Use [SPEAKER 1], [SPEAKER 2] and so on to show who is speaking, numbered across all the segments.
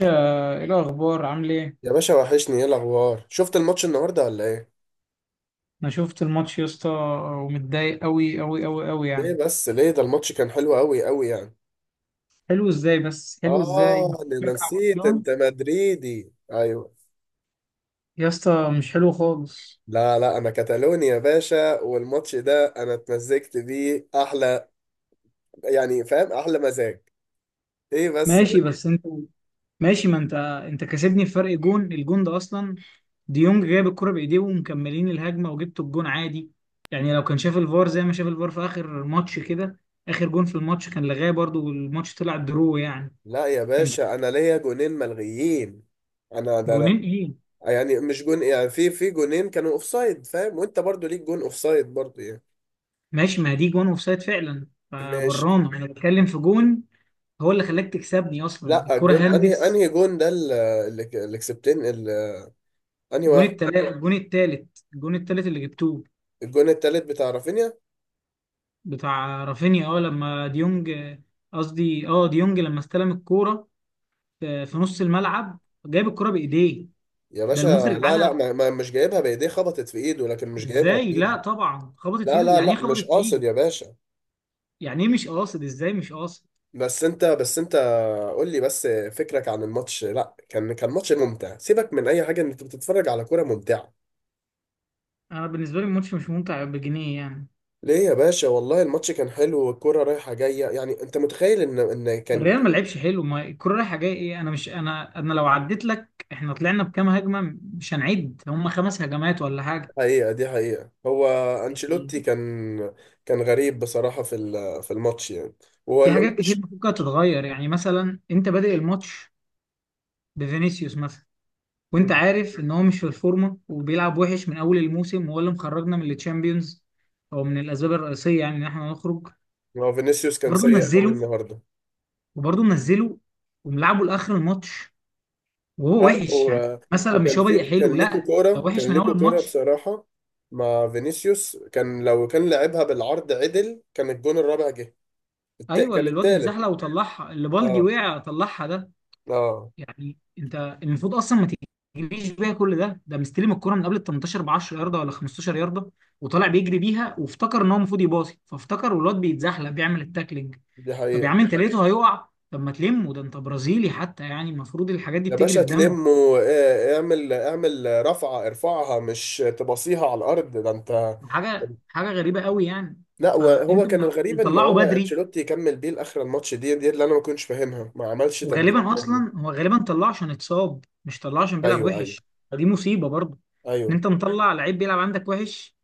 [SPEAKER 1] ايه الاخبار، عامل ايه؟
[SPEAKER 2] يا باشا وحشني، ايه الاخبار؟ شفت الماتش النهارده ولا ايه؟
[SPEAKER 1] انا شفت الماتش يا اسطى، ومتضايق قوي قوي قوي قوي يعني.
[SPEAKER 2] ليه بس ليه؟ ده الماتش كان حلو قوي قوي يعني.
[SPEAKER 1] حلو ازاي؟ بس حلو ازاي؟
[SPEAKER 2] اه، ده انا
[SPEAKER 1] بشجع
[SPEAKER 2] نسيت،
[SPEAKER 1] برشلونة
[SPEAKER 2] انت مدريدي. ايوه.
[SPEAKER 1] يا اسطى، مش حلو خالص.
[SPEAKER 2] لا لا، انا كتالوني يا باشا، والماتش ده انا اتمزجت بيه احلى، يعني فاهم؟ احلى مزاج. ايه بس؟
[SPEAKER 1] ماشي بس انت، ماشي ما انت كسبني بفرق جون. الجون ده اصلا ديونج جايب الكرة بايديه ومكملين الهجمة وجبت الجون عادي، يعني لو كان شاف الفار زي ما شاف الفار في اخر ماتش كده، اخر جون في الماتش كان لغاه برضو والماتش طلع درو يعني.
[SPEAKER 2] لا يا
[SPEAKER 1] كان
[SPEAKER 2] باشا، انا ليا جونين ملغيين. انا ده لا.
[SPEAKER 1] جونين ايه؟
[SPEAKER 2] يعني مش جون يعني، في جونين كانوا اوفسايد، فاهم؟ وانت برضو ليك جون اوفسايد برضو يعني.
[SPEAKER 1] ماشي، ما دي جون اوف سايد فعلا،
[SPEAKER 2] ماشي.
[SPEAKER 1] فبرانه انا بتكلم في جون. هو اللي خلاك تكسبني اصلا
[SPEAKER 2] لا،
[SPEAKER 1] الكرة
[SPEAKER 2] الجون انهي
[SPEAKER 1] هندس.
[SPEAKER 2] انهي جون ده؟ ال- اللي ك- اللي كسبتين ال- انهي
[SPEAKER 1] الجون
[SPEAKER 2] واحد؟
[SPEAKER 1] التلا الجون التالت الجون التالت اللي جبتوه
[SPEAKER 2] الجون التالت بتاع رافينيا.
[SPEAKER 1] بتاع رافينيا. اه لما ديونج، قصدي اه ديونج لما استلم الكورة في نص الملعب، جايب الكورة بايديه
[SPEAKER 2] يا
[SPEAKER 1] ده
[SPEAKER 2] باشا،
[SPEAKER 1] المخرج
[SPEAKER 2] لا لا،
[SPEAKER 1] عادها.
[SPEAKER 2] ما ما مش جايبها بايديه، خبطت في ايده، لكن مش جايبها
[SPEAKER 1] ازاي؟
[SPEAKER 2] بايده.
[SPEAKER 1] لا طبعا خبطت في
[SPEAKER 2] لا
[SPEAKER 1] ايده،
[SPEAKER 2] لا
[SPEAKER 1] يعني ايه
[SPEAKER 2] لا، مش
[SPEAKER 1] خبطت في ايده؟
[SPEAKER 2] قاصد يا باشا.
[SPEAKER 1] يعني ايه مش قاصد؟ ازاي مش قاصد؟
[SPEAKER 2] بس انت، قول لي بس فكرك عن الماتش. لا، كان ماتش ممتع، سيبك من اي حاجه، ان انت بتتفرج على كوره ممتعه.
[SPEAKER 1] انا بالنسبة لي الماتش مش ممتع بجنيه يعني.
[SPEAKER 2] ليه يا باشا؟ والله الماتش كان حلو، والكوره رايحه جايه، يعني انت متخيل ان كان؟
[SPEAKER 1] الريال ما لعبش حلو، ما الكرة رايحة جاية ايه، انا مش، انا لو عديت لك احنا طلعنا بكام هجمة، مش هنعد هم خمس هجمات ولا حاجة.
[SPEAKER 2] حقيقة، دي حقيقة. هو
[SPEAKER 1] يعني
[SPEAKER 2] أنشيلوتي كان، كان غريب بصراحة في الماتش يعني. هو
[SPEAKER 1] في
[SPEAKER 2] ال-
[SPEAKER 1] حاجات كتير
[SPEAKER 2] مش-
[SPEAKER 1] ممكن تتغير، يعني مثلا انت بادئ الماتش بفينيسيوس مثلا، وانت عارف ان هو مش في الفورمة وبيلعب وحش من اول الموسم، وهو اللي مخرجنا من التشامبيونز او من الاسباب الرئيسية يعني ان احنا نخرج.
[SPEAKER 2] هو فينيسيوس كان
[SPEAKER 1] برضه
[SPEAKER 2] سيء قوي
[SPEAKER 1] منزله،
[SPEAKER 2] النهاردة.
[SPEAKER 1] وبرضه منزله وملعبه لاخر الماتش، وهو
[SPEAKER 2] لا لا
[SPEAKER 1] وحش يعني.
[SPEAKER 2] هو-
[SPEAKER 1] مثلا مش
[SPEAKER 2] وكان
[SPEAKER 1] هو
[SPEAKER 2] في،
[SPEAKER 1] بادئ حلو، لا ده وحش
[SPEAKER 2] كان
[SPEAKER 1] من اول
[SPEAKER 2] ليكو كورة
[SPEAKER 1] الماتش.
[SPEAKER 2] بصراحة مع فينيسيوس، كان لو كان لعبها بالعرض عدل كان الجون الرابع جه.
[SPEAKER 1] ايوه
[SPEAKER 2] كان
[SPEAKER 1] اللي الواد
[SPEAKER 2] التالت.
[SPEAKER 1] اتزحلق وطلعها، اللي بالدي
[SPEAKER 2] اه،
[SPEAKER 1] وقع طلعها ده.
[SPEAKER 2] اه،
[SPEAKER 1] يعني انت المفروض اصلا ما تجريش بيها كل ده، ده مستلم الكرة من قبل ال 18 ب 10 ياردة ولا 15 ياردة، وطالع بيجري بيها وافتكر ان هو المفروض يباصي، فافتكر والواد بيتزحلق بيعمل التاكلينج.
[SPEAKER 2] دي
[SPEAKER 1] طب يا
[SPEAKER 2] حقيقة.
[SPEAKER 1] عم انت لقيته هيقع، طب ما تلمه، ده انت برازيلي حتى، يعني المفروض الحاجات دي
[SPEAKER 2] يا
[SPEAKER 1] بتجري
[SPEAKER 2] باشا
[SPEAKER 1] في دمك.
[SPEAKER 2] تلم، واعمل رفعة، ارفعها، مش تبصيها على الأرض، ده انت.
[SPEAKER 1] حاجه حاجه غريبه قوي يعني.
[SPEAKER 2] لا،
[SPEAKER 1] فانت
[SPEAKER 2] وهو كان الغريب ان
[SPEAKER 1] مطلعه
[SPEAKER 2] هو
[SPEAKER 1] بدري،
[SPEAKER 2] انشيلوتي يكمل بيه لاخر الماتش، دي اللي انا ما كنتش فاهمها، ما عملش تبديلات
[SPEAKER 1] وغالبا
[SPEAKER 2] بدري.
[SPEAKER 1] اصلا هو غالبا طلعه عشان اتصاب، مش طلعه عشان بيلعب
[SPEAKER 2] ايوه، ايوه،
[SPEAKER 1] وحش. فدي مصيبه برضه، ان
[SPEAKER 2] ايوه.
[SPEAKER 1] انت مطلع لعيب بيلعب عندك وحش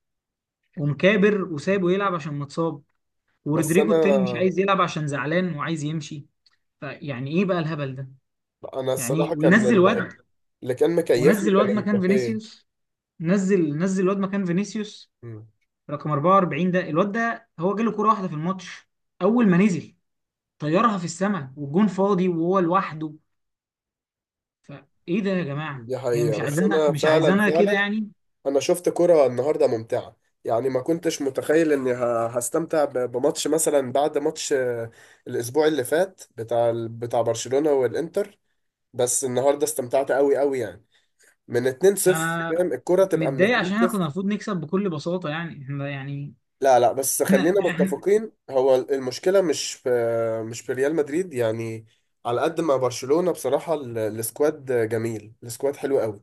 [SPEAKER 1] ومكابر وسابه يلعب عشان متصاب.
[SPEAKER 2] بس
[SPEAKER 1] ورودريجو
[SPEAKER 2] انا
[SPEAKER 1] التاني مش عايز يلعب عشان زعلان وعايز يمشي. فيعني ايه بقى الهبل ده؟
[SPEAKER 2] انا
[SPEAKER 1] يعني إيه؟
[SPEAKER 2] الصراحه كان
[SPEAKER 1] وينزل واد،
[SPEAKER 2] اللي كان مكيفني
[SPEAKER 1] ونزل
[SPEAKER 2] كان
[SPEAKER 1] واد مكان
[SPEAKER 2] امبابي.
[SPEAKER 1] فينيسيوس، نزل واد مكان فينيسيوس
[SPEAKER 2] مم.
[SPEAKER 1] رقم 44. ده الواد ده هو جاله كرة واحدة في الماتش، اول ما نزل طيرها في السماء والجون فاضي وهو لوحده. فايه ده يا جماعه؟
[SPEAKER 2] دي
[SPEAKER 1] هي
[SPEAKER 2] حقيقه،
[SPEAKER 1] مش
[SPEAKER 2] بس
[SPEAKER 1] عايزانا،
[SPEAKER 2] انا
[SPEAKER 1] مش
[SPEAKER 2] فعلا
[SPEAKER 1] عايزانا كده
[SPEAKER 2] فعلا
[SPEAKER 1] يعني.
[SPEAKER 2] انا شفت كره النهارده ممتعه، يعني ما كنتش متخيل اني هستمتع بماتش مثلا، بعد ماتش الاسبوع اللي فات بتاع بتاع برشلونه والانتر. بس النهارده استمتعت قوي قوي يعني، من 2-0،
[SPEAKER 1] انا
[SPEAKER 2] فاهم الكرة تبقى من
[SPEAKER 1] متضايق عشان احنا كنا
[SPEAKER 2] 2-0.
[SPEAKER 1] المفروض نكسب بكل بساطه يعني. احنا يعني
[SPEAKER 2] لا لا، بس
[SPEAKER 1] احنا,
[SPEAKER 2] خلينا
[SPEAKER 1] احنا
[SPEAKER 2] متفقين، هو المشكلة مش في، مش في ريال مدريد يعني. على قد ما برشلونة بصراحة، السكواد جميل، السكواد حلو قوي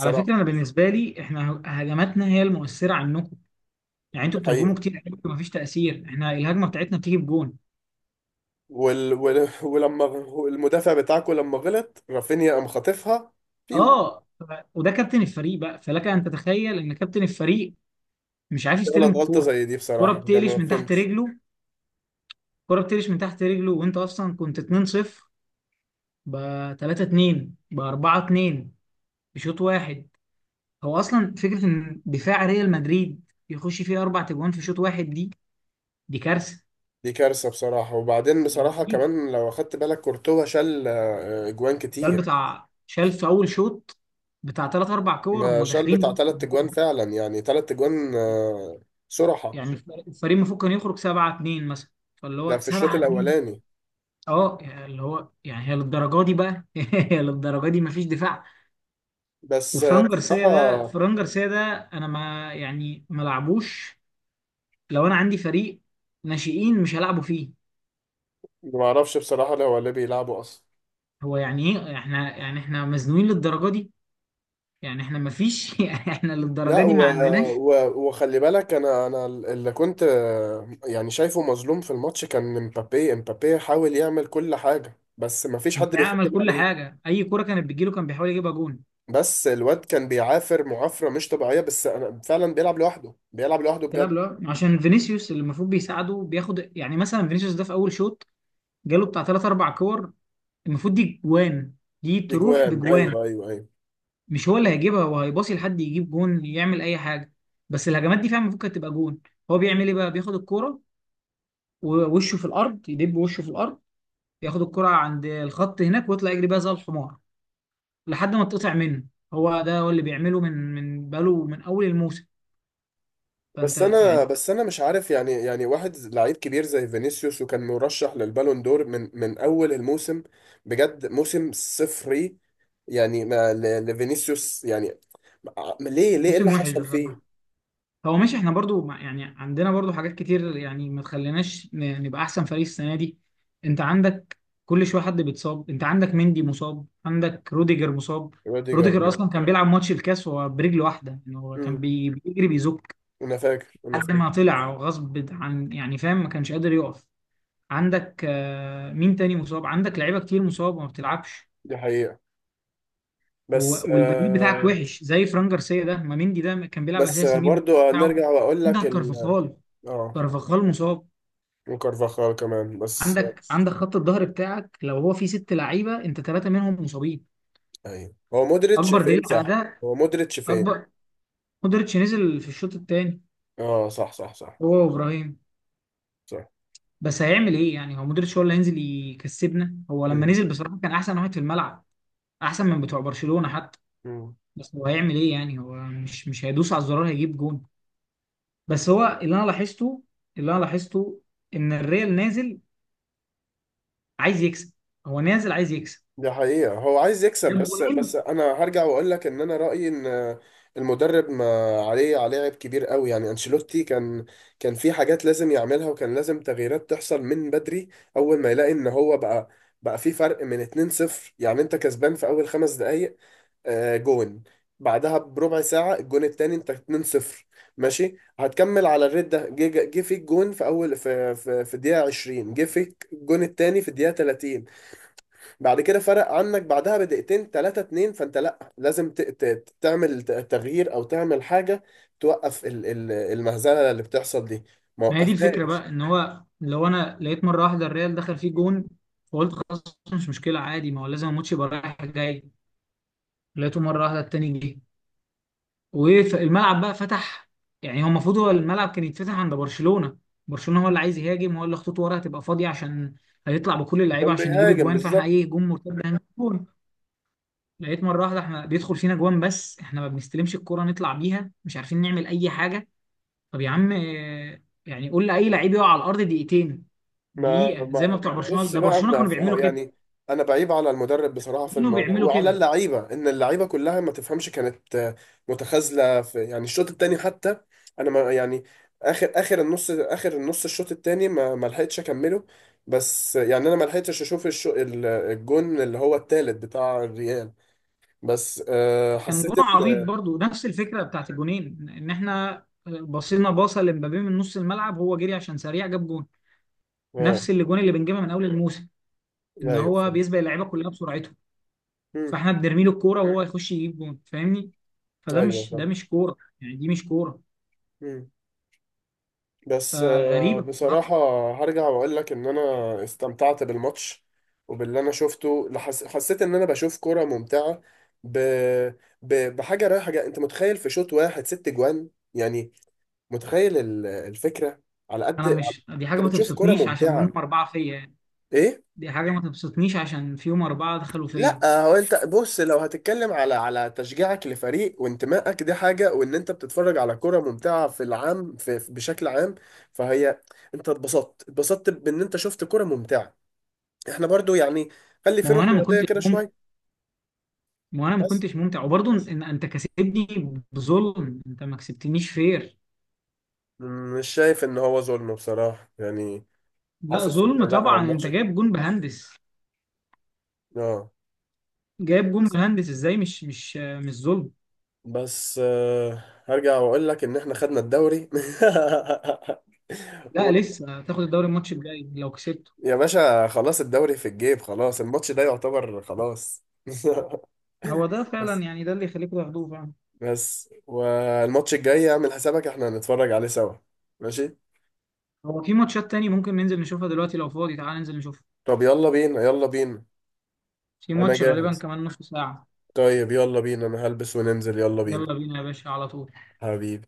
[SPEAKER 1] على فكره انا بالنسبه لي احنا هجماتنا هي المؤثره عنكم، يعني
[SPEAKER 2] دي
[SPEAKER 1] انتوا بتهجموا
[SPEAKER 2] حقيقة.
[SPEAKER 1] كتير قوي ومفيش تاثير، احنا الهجمه بتاعتنا بتيجي بجون.
[SPEAKER 2] ولما المدافع بتاعكو لما غلط، رافينيا قام خاطفها فيو.
[SPEAKER 1] اه وده كابتن الفريق بقى، فلك ان تتخيل ان كابتن الفريق مش عارف يستلم
[SPEAKER 2] غلط غلطة
[SPEAKER 1] الكوره.
[SPEAKER 2] زي دي
[SPEAKER 1] الكوره
[SPEAKER 2] بصراحة، يعني ما
[SPEAKER 1] بتقلش من تحت
[SPEAKER 2] فهمتش.
[SPEAKER 1] رجله، الكوره بتقلش من تحت رجله وانت اصلا كنت 2-0 ب 3-2 ب 4-2 بشوط واحد. هو اصلا فكره ان دفاع ريال مدريد يخش فيه اربع تجوان في شوط واحد، دي كارثه،
[SPEAKER 2] دي كارثة بصراحة، وبعدين
[SPEAKER 1] دي
[SPEAKER 2] بصراحة
[SPEAKER 1] مصيبه.
[SPEAKER 2] كمان لو أخدت بالك، كورتوا شال أجوان
[SPEAKER 1] الريال
[SPEAKER 2] كتير.
[SPEAKER 1] بتاع شال في اول شوط، بتاع ثلاث اربع كور
[SPEAKER 2] ده
[SPEAKER 1] هم
[SPEAKER 2] شال
[SPEAKER 1] داخلين
[SPEAKER 2] بتاع
[SPEAKER 1] بس في
[SPEAKER 2] تلات تجوان
[SPEAKER 1] الجون.
[SPEAKER 2] فعلا، يعني تلات تجوان صراحة.
[SPEAKER 1] يعني الفريق المفروض كان يخرج 7-2 مثلا، فاللي
[SPEAKER 2] ده
[SPEAKER 1] هو
[SPEAKER 2] في الشوط
[SPEAKER 1] 7-2.
[SPEAKER 2] الأولاني.
[SPEAKER 1] اه يعني اللي هو يعني، هي للدرجه دي بقى؟ هي للدرجه دي مفيش دفاع.
[SPEAKER 2] بس آه،
[SPEAKER 1] وفران جارسيا ده،
[SPEAKER 2] بصراحة،
[SPEAKER 1] فران جارسيا ده انا ما يعني ما لعبوش. لو انا عندي فريق ناشئين مش هلعبه فيه.
[SPEAKER 2] ما أعرفش بصراحة لو هو اللي بيلعبوا أصلا.
[SPEAKER 1] هو يعني ايه، احنا يعني احنا مزنوقين للدرجه دي؟ يعني احنا ما فيش يعني احنا للدرجه
[SPEAKER 2] لا،
[SPEAKER 1] دي ما عندناش
[SPEAKER 2] وخلي بالك، أنا اللي كنت يعني شايفه مظلوم في الماتش كان امبابي، حاول يعمل كل حاجة، بس ما فيش حد
[SPEAKER 1] دفاع.
[SPEAKER 2] بيخدم
[SPEAKER 1] عمل كل
[SPEAKER 2] عليه.
[SPEAKER 1] حاجه، اي كره كانت بتجيله كان بيحاول يجيبها جون.
[SPEAKER 2] بس الواد كان بيعافر معافرة مش طبيعية، بس أنا فعلا بيلعب لوحده، بيلعب لوحده بجد.
[SPEAKER 1] تلعب له عشان فينيسيوس اللي المفروض بيساعده بياخد، يعني مثلا فينيسيوس ده في اول شوط جاله بتاع ثلاث اربع كور، المفروض دي جوان، دي تروح
[SPEAKER 2] أجوان،
[SPEAKER 1] بجوان.
[SPEAKER 2] أيوه أيوه أيوه.
[SPEAKER 1] مش هو اللي هيجيبها، هو هيباصي لحد يجيب جون، يعمل اي حاجه، بس الهجمات دي فعلا المفروض كانت تبقى جون. هو بيعمل ايه بقى؟ بياخد الكوره ووشه في الارض، يدب وشه في الارض، ياخد الكرة عند الخط هناك ويطلع يجري بيها زي الحمار لحد ما تقطع منه. هو ده هو اللي بيعمله من بقاله من اول الموسم.
[SPEAKER 2] بس
[SPEAKER 1] فانت
[SPEAKER 2] انا،
[SPEAKER 1] يعني.
[SPEAKER 2] بس انا مش عارف يعني واحد لعيب كبير زي فينيسيوس وكان مرشح للبالون دور، من اول الموسم بجد موسم صفري يعني، ما ل- لفينيسيوس يعني؟ ليه؟ ليه؟ ايه اللي
[SPEAKER 1] موسم وحش
[SPEAKER 2] حصل فيه؟
[SPEAKER 1] بصراحه. هو ماشي احنا برضو يعني عندنا برضو حاجات كتير، يعني ما تخليناش نبقى احسن فريق السنه دي. انت عندك كل شويه حد بيتصاب، انت عندك مندي مصاب، عندك روديجر مصاب. روديجر
[SPEAKER 2] روديجر.
[SPEAKER 1] روديجر اصلا كان بيلعب ماتش الكاس وهو برجل واحده، يعني هو كان
[SPEAKER 2] مم.
[SPEAKER 1] بيجري بيزك
[SPEAKER 2] انا فاكر، انا
[SPEAKER 1] لحد
[SPEAKER 2] فاكر.
[SPEAKER 1] ما طلع غصب عن، يعني فاهم ما كانش قادر يقف. عندك آه، مين تاني مصاب؟ عندك لعيبه كتير مصاب وما بتلعبش.
[SPEAKER 2] دي حقيقة.
[SPEAKER 1] هو
[SPEAKER 2] بس
[SPEAKER 1] والبديل بتاعك
[SPEAKER 2] آه.
[SPEAKER 1] وحش زي فران جارسيا ده، ما مندي ده كان بيلعب
[SPEAKER 2] بس آه،
[SPEAKER 1] اساسي، مين
[SPEAKER 2] برضو
[SPEAKER 1] البديل بتاعه؟
[SPEAKER 2] نرجع واقول لك
[SPEAKER 1] عندك كارفاخال،
[SPEAKER 2] اه،
[SPEAKER 1] كارفاخال مصاب.
[SPEAKER 2] وكارفاخال كمان بس آه.
[SPEAKER 1] عندك خط الظهر بتاعك لو هو فيه ست لعيبه انت ثلاثه منهم مصابين.
[SPEAKER 2] ايوه، هو مودريتش
[SPEAKER 1] اكبر دليل
[SPEAKER 2] فين،
[SPEAKER 1] على
[SPEAKER 2] صح؟
[SPEAKER 1] ده،
[SPEAKER 2] هو مودريتش فين؟
[SPEAKER 1] اكبر. مودريتش نزل في الشوط الثاني
[SPEAKER 2] اه صح، صح، صح.
[SPEAKER 1] هو وابراهيم،
[SPEAKER 2] صح.
[SPEAKER 1] بس هيعمل ايه يعني؟ هو مودريتش هو اللي هينزل يكسبنا؟ هو لما
[SPEAKER 2] مم.
[SPEAKER 1] نزل بصراحه كان احسن واحد في الملعب، احسن من بتوع برشلونه حتى.
[SPEAKER 2] مم.
[SPEAKER 1] بس هو هيعمل ايه يعني، هو مش هيدوس على الزرار هيجيب جون. بس هو اللي انا لاحظته، اللي انا لاحظته ان الريال نازل عايز يكسب، هو نازل عايز يكسب،
[SPEAKER 2] دي حقيقة، هو عايز يكسب،
[SPEAKER 1] جاب
[SPEAKER 2] بس
[SPEAKER 1] جونين.
[SPEAKER 2] انا هرجع واقول لك ان انا رأيي ان المدرب ما، عليه عيب كبير قوي يعني. انشيلوتي كان، كان في حاجات لازم يعملها، وكان لازم تغييرات تحصل من بدري. اول ما يلاقي ان هو بقى، بقى في فرق من 2-0، يعني انت كسبان في اول خمس دقايق جون، بعدها بربع ساعة الجون التاني، انت 2-0 ماشي هتكمل على الريت ده. جه فيك جون في اول، في الدقيقة 20، جه فيك الجون التاني في الدقيقة 30. بعد كده فرق عنك بعدها بدقيقتين، تلاتة اتنين، فانت لا لازم تعمل، تغيير او تعمل حاجة، توقف المهزلة اللي بتحصل دي. ما
[SPEAKER 1] ما هي دي الفكره
[SPEAKER 2] وقفهاش.
[SPEAKER 1] بقى، ان هو لو انا لقيت مره واحده الريال دخل فيه جون فقلت خلاص، مش مشكله عادي، ما هو لازم الماتش يبقى رايح جاي. لقيته مره واحده التاني جه، والملعب بقى فتح. يعني هو المفروض هو الملعب كان يتفتح عند برشلونه، برشلونه هو اللي عايز يهاجم، هو اللي خطوط ورا هتبقى فاضيه عشان هيطلع بكل اللعيبه
[SPEAKER 2] كان
[SPEAKER 1] عشان يجيب
[SPEAKER 2] بيهاجم
[SPEAKER 1] اجوان، فاحنا
[SPEAKER 2] بالظبط.
[SPEAKER 1] اي هجوم مرتد هنجيب جون. لقيت مره واحده احنا بيدخل فينا جوان، بس احنا ما بنستلمش الكره نطلع بيها مش عارفين نعمل اي حاجه. طب يا عم آه، يعني قول لاي لعيب يقع على الارض دقيقتين،
[SPEAKER 2] ما
[SPEAKER 1] دقيقه، زي ما
[SPEAKER 2] ما
[SPEAKER 1] بتوع برشلونه،
[SPEAKER 2] بص
[SPEAKER 1] ده
[SPEAKER 2] بقى،
[SPEAKER 1] برشلونه كانوا بيعملوا كده،
[SPEAKER 2] يعني انا بعيب على المدرب بصراحه في
[SPEAKER 1] كانوا
[SPEAKER 2] الموضوع،
[SPEAKER 1] بيعملوا
[SPEAKER 2] وعلى
[SPEAKER 1] كده.
[SPEAKER 2] اللعيبه، ان اللعيبه كلها ما تفهمش، كانت متخاذله في يعني الشوط التاني حتى. انا ما يعني، اخر النص، الشوط التاني ما ما لحقتش اكمله. بس آه، يعني انا ما لحقتش اشوف الجون اللي هو التالت بتاع الريال، بس آه،
[SPEAKER 1] كان جون
[SPEAKER 2] حسيت
[SPEAKER 1] عبيط
[SPEAKER 2] ان،
[SPEAKER 1] برضو، نفس الفكره بتاعت الجونين ان احنا بصينا باصه لمبابي من نص الملعب، هو جري عشان سريع جاب جون.
[SPEAKER 2] اه.
[SPEAKER 1] نفس الجون اللي بنجيبها من اول الموسم، ان
[SPEAKER 2] ايوه
[SPEAKER 1] هو
[SPEAKER 2] فاهم.
[SPEAKER 1] بيسبق اللعيبه كلها بسرعته،
[SPEAKER 2] مم،
[SPEAKER 1] فاحنا بنرمي له الكوره وهو يخش يجيب جون فاهمني. فده
[SPEAKER 2] ايوه
[SPEAKER 1] مش، ده
[SPEAKER 2] فاهم.
[SPEAKER 1] مش كوره، يعني دي مش كوره،
[SPEAKER 2] مم. بس آه،
[SPEAKER 1] فغريبة بصراحة.
[SPEAKER 2] بصراحة هرجع وأقول لك إن أنا استمتعت بالماتش، وباللي أنا شفته حسيت إن أنا بشوف كرة ممتعة، ب... بحاجة رايحة جاية. أنت متخيل في شوط واحد ست جوان يعني؟ متخيل الفكرة؟ على قد
[SPEAKER 1] أنا
[SPEAKER 2] على-
[SPEAKER 1] مش، دي حاجة
[SPEAKER 2] أنت
[SPEAKER 1] ما
[SPEAKER 2] بتشوف كرة
[SPEAKER 1] تبسطنيش عشان منهم
[SPEAKER 2] ممتعة،
[SPEAKER 1] أربعة فيا يعني،
[SPEAKER 2] إيه؟
[SPEAKER 1] دي حاجة ما تبسطنيش عشان فيهم أربعة دخلوا فيا.
[SPEAKER 2] لا، هو انت بص، لو هتتكلم على تشجيعك لفريق وانتمائك دي حاجة، وان انت بتتفرج على كرة ممتعة في العام، بشكل عام، فهي، انت اتبسطت، بان انت شفت كرة ممتعة. احنا برضو يعني خلي في
[SPEAKER 1] ما هو
[SPEAKER 2] روح
[SPEAKER 1] أنا ما
[SPEAKER 2] رياضية
[SPEAKER 1] كنتش
[SPEAKER 2] كده
[SPEAKER 1] ممتع،
[SPEAKER 2] شوية.
[SPEAKER 1] ما هو أنا ما
[SPEAKER 2] بس،
[SPEAKER 1] كنتش ممتع وبرضه إن أنت كسبني بظلم، أنت ما كسبتنيش فير.
[SPEAKER 2] مش شايف ان هو ظلم بصراحة يعني.
[SPEAKER 1] لا
[SPEAKER 2] حاسس ان
[SPEAKER 1] ظلم
[SPEAKER 2] لا، هو
[SPEAKER 1] طبعا، أنت
[SPEAKER 2] الماتش،
[SPEAKER 1] جايب جون بهندس،
[SPEAKER 2] اه.
[SPEAKER 1] جايب جون
[SPEAKER 2] بس،
[SPEAKER 1] بهندس إزاي؟ مش ظلم؟
[SPEAKER 2] بس، آه، هرجع واقول لك ان احنا خدنا الدوري.
[SPEAKER 1] لا
[SPEAKER 2] و...
[SPEAKER 1] لسه تاخد الدوري، الماتش الجاي لو كسبته.
[SPEAKER 2] يا باشا خلاص، الدوري في الجيب، خلاص الماتش ده يعتبر خلاص.
[SPEAKER 1] هو ده فعلا
[SPEAKER 2] بس،
[SPEAKER 1] يعني، ده اللي يخليكم تاخدوه فعلا.
[SPEAKER 2] بس والماتش الجاي اعمل حسابك احنا هنتفرج عليه سوا. ماشي.
[SPEAKER 1] هو في ماتشات تاني ممكن ننزل نشوفها دلوقتي، لو فاضي تعال ننزل نشوفها،
[SPEAKER 2] طب يلا بينا، يلا بينا.
[SPEAKER 1] في
[SPEAKER 2] انا
[SPEAKER 1] ماتش غالبا
[SPEAKER 2] جاهز.
[SPEAKER 1] كمان نص ساعة.
[SPEAKER 2] طيب يلا بينا، انا هلبس وننزل، يلا بينا.
[SPEAKER 1] يلا بينا يا باشا على طول.
[SPEAKER 2] حبيبي،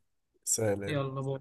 [SPEAKER 2] سلام.
[SPEAKER 1] يلا باي.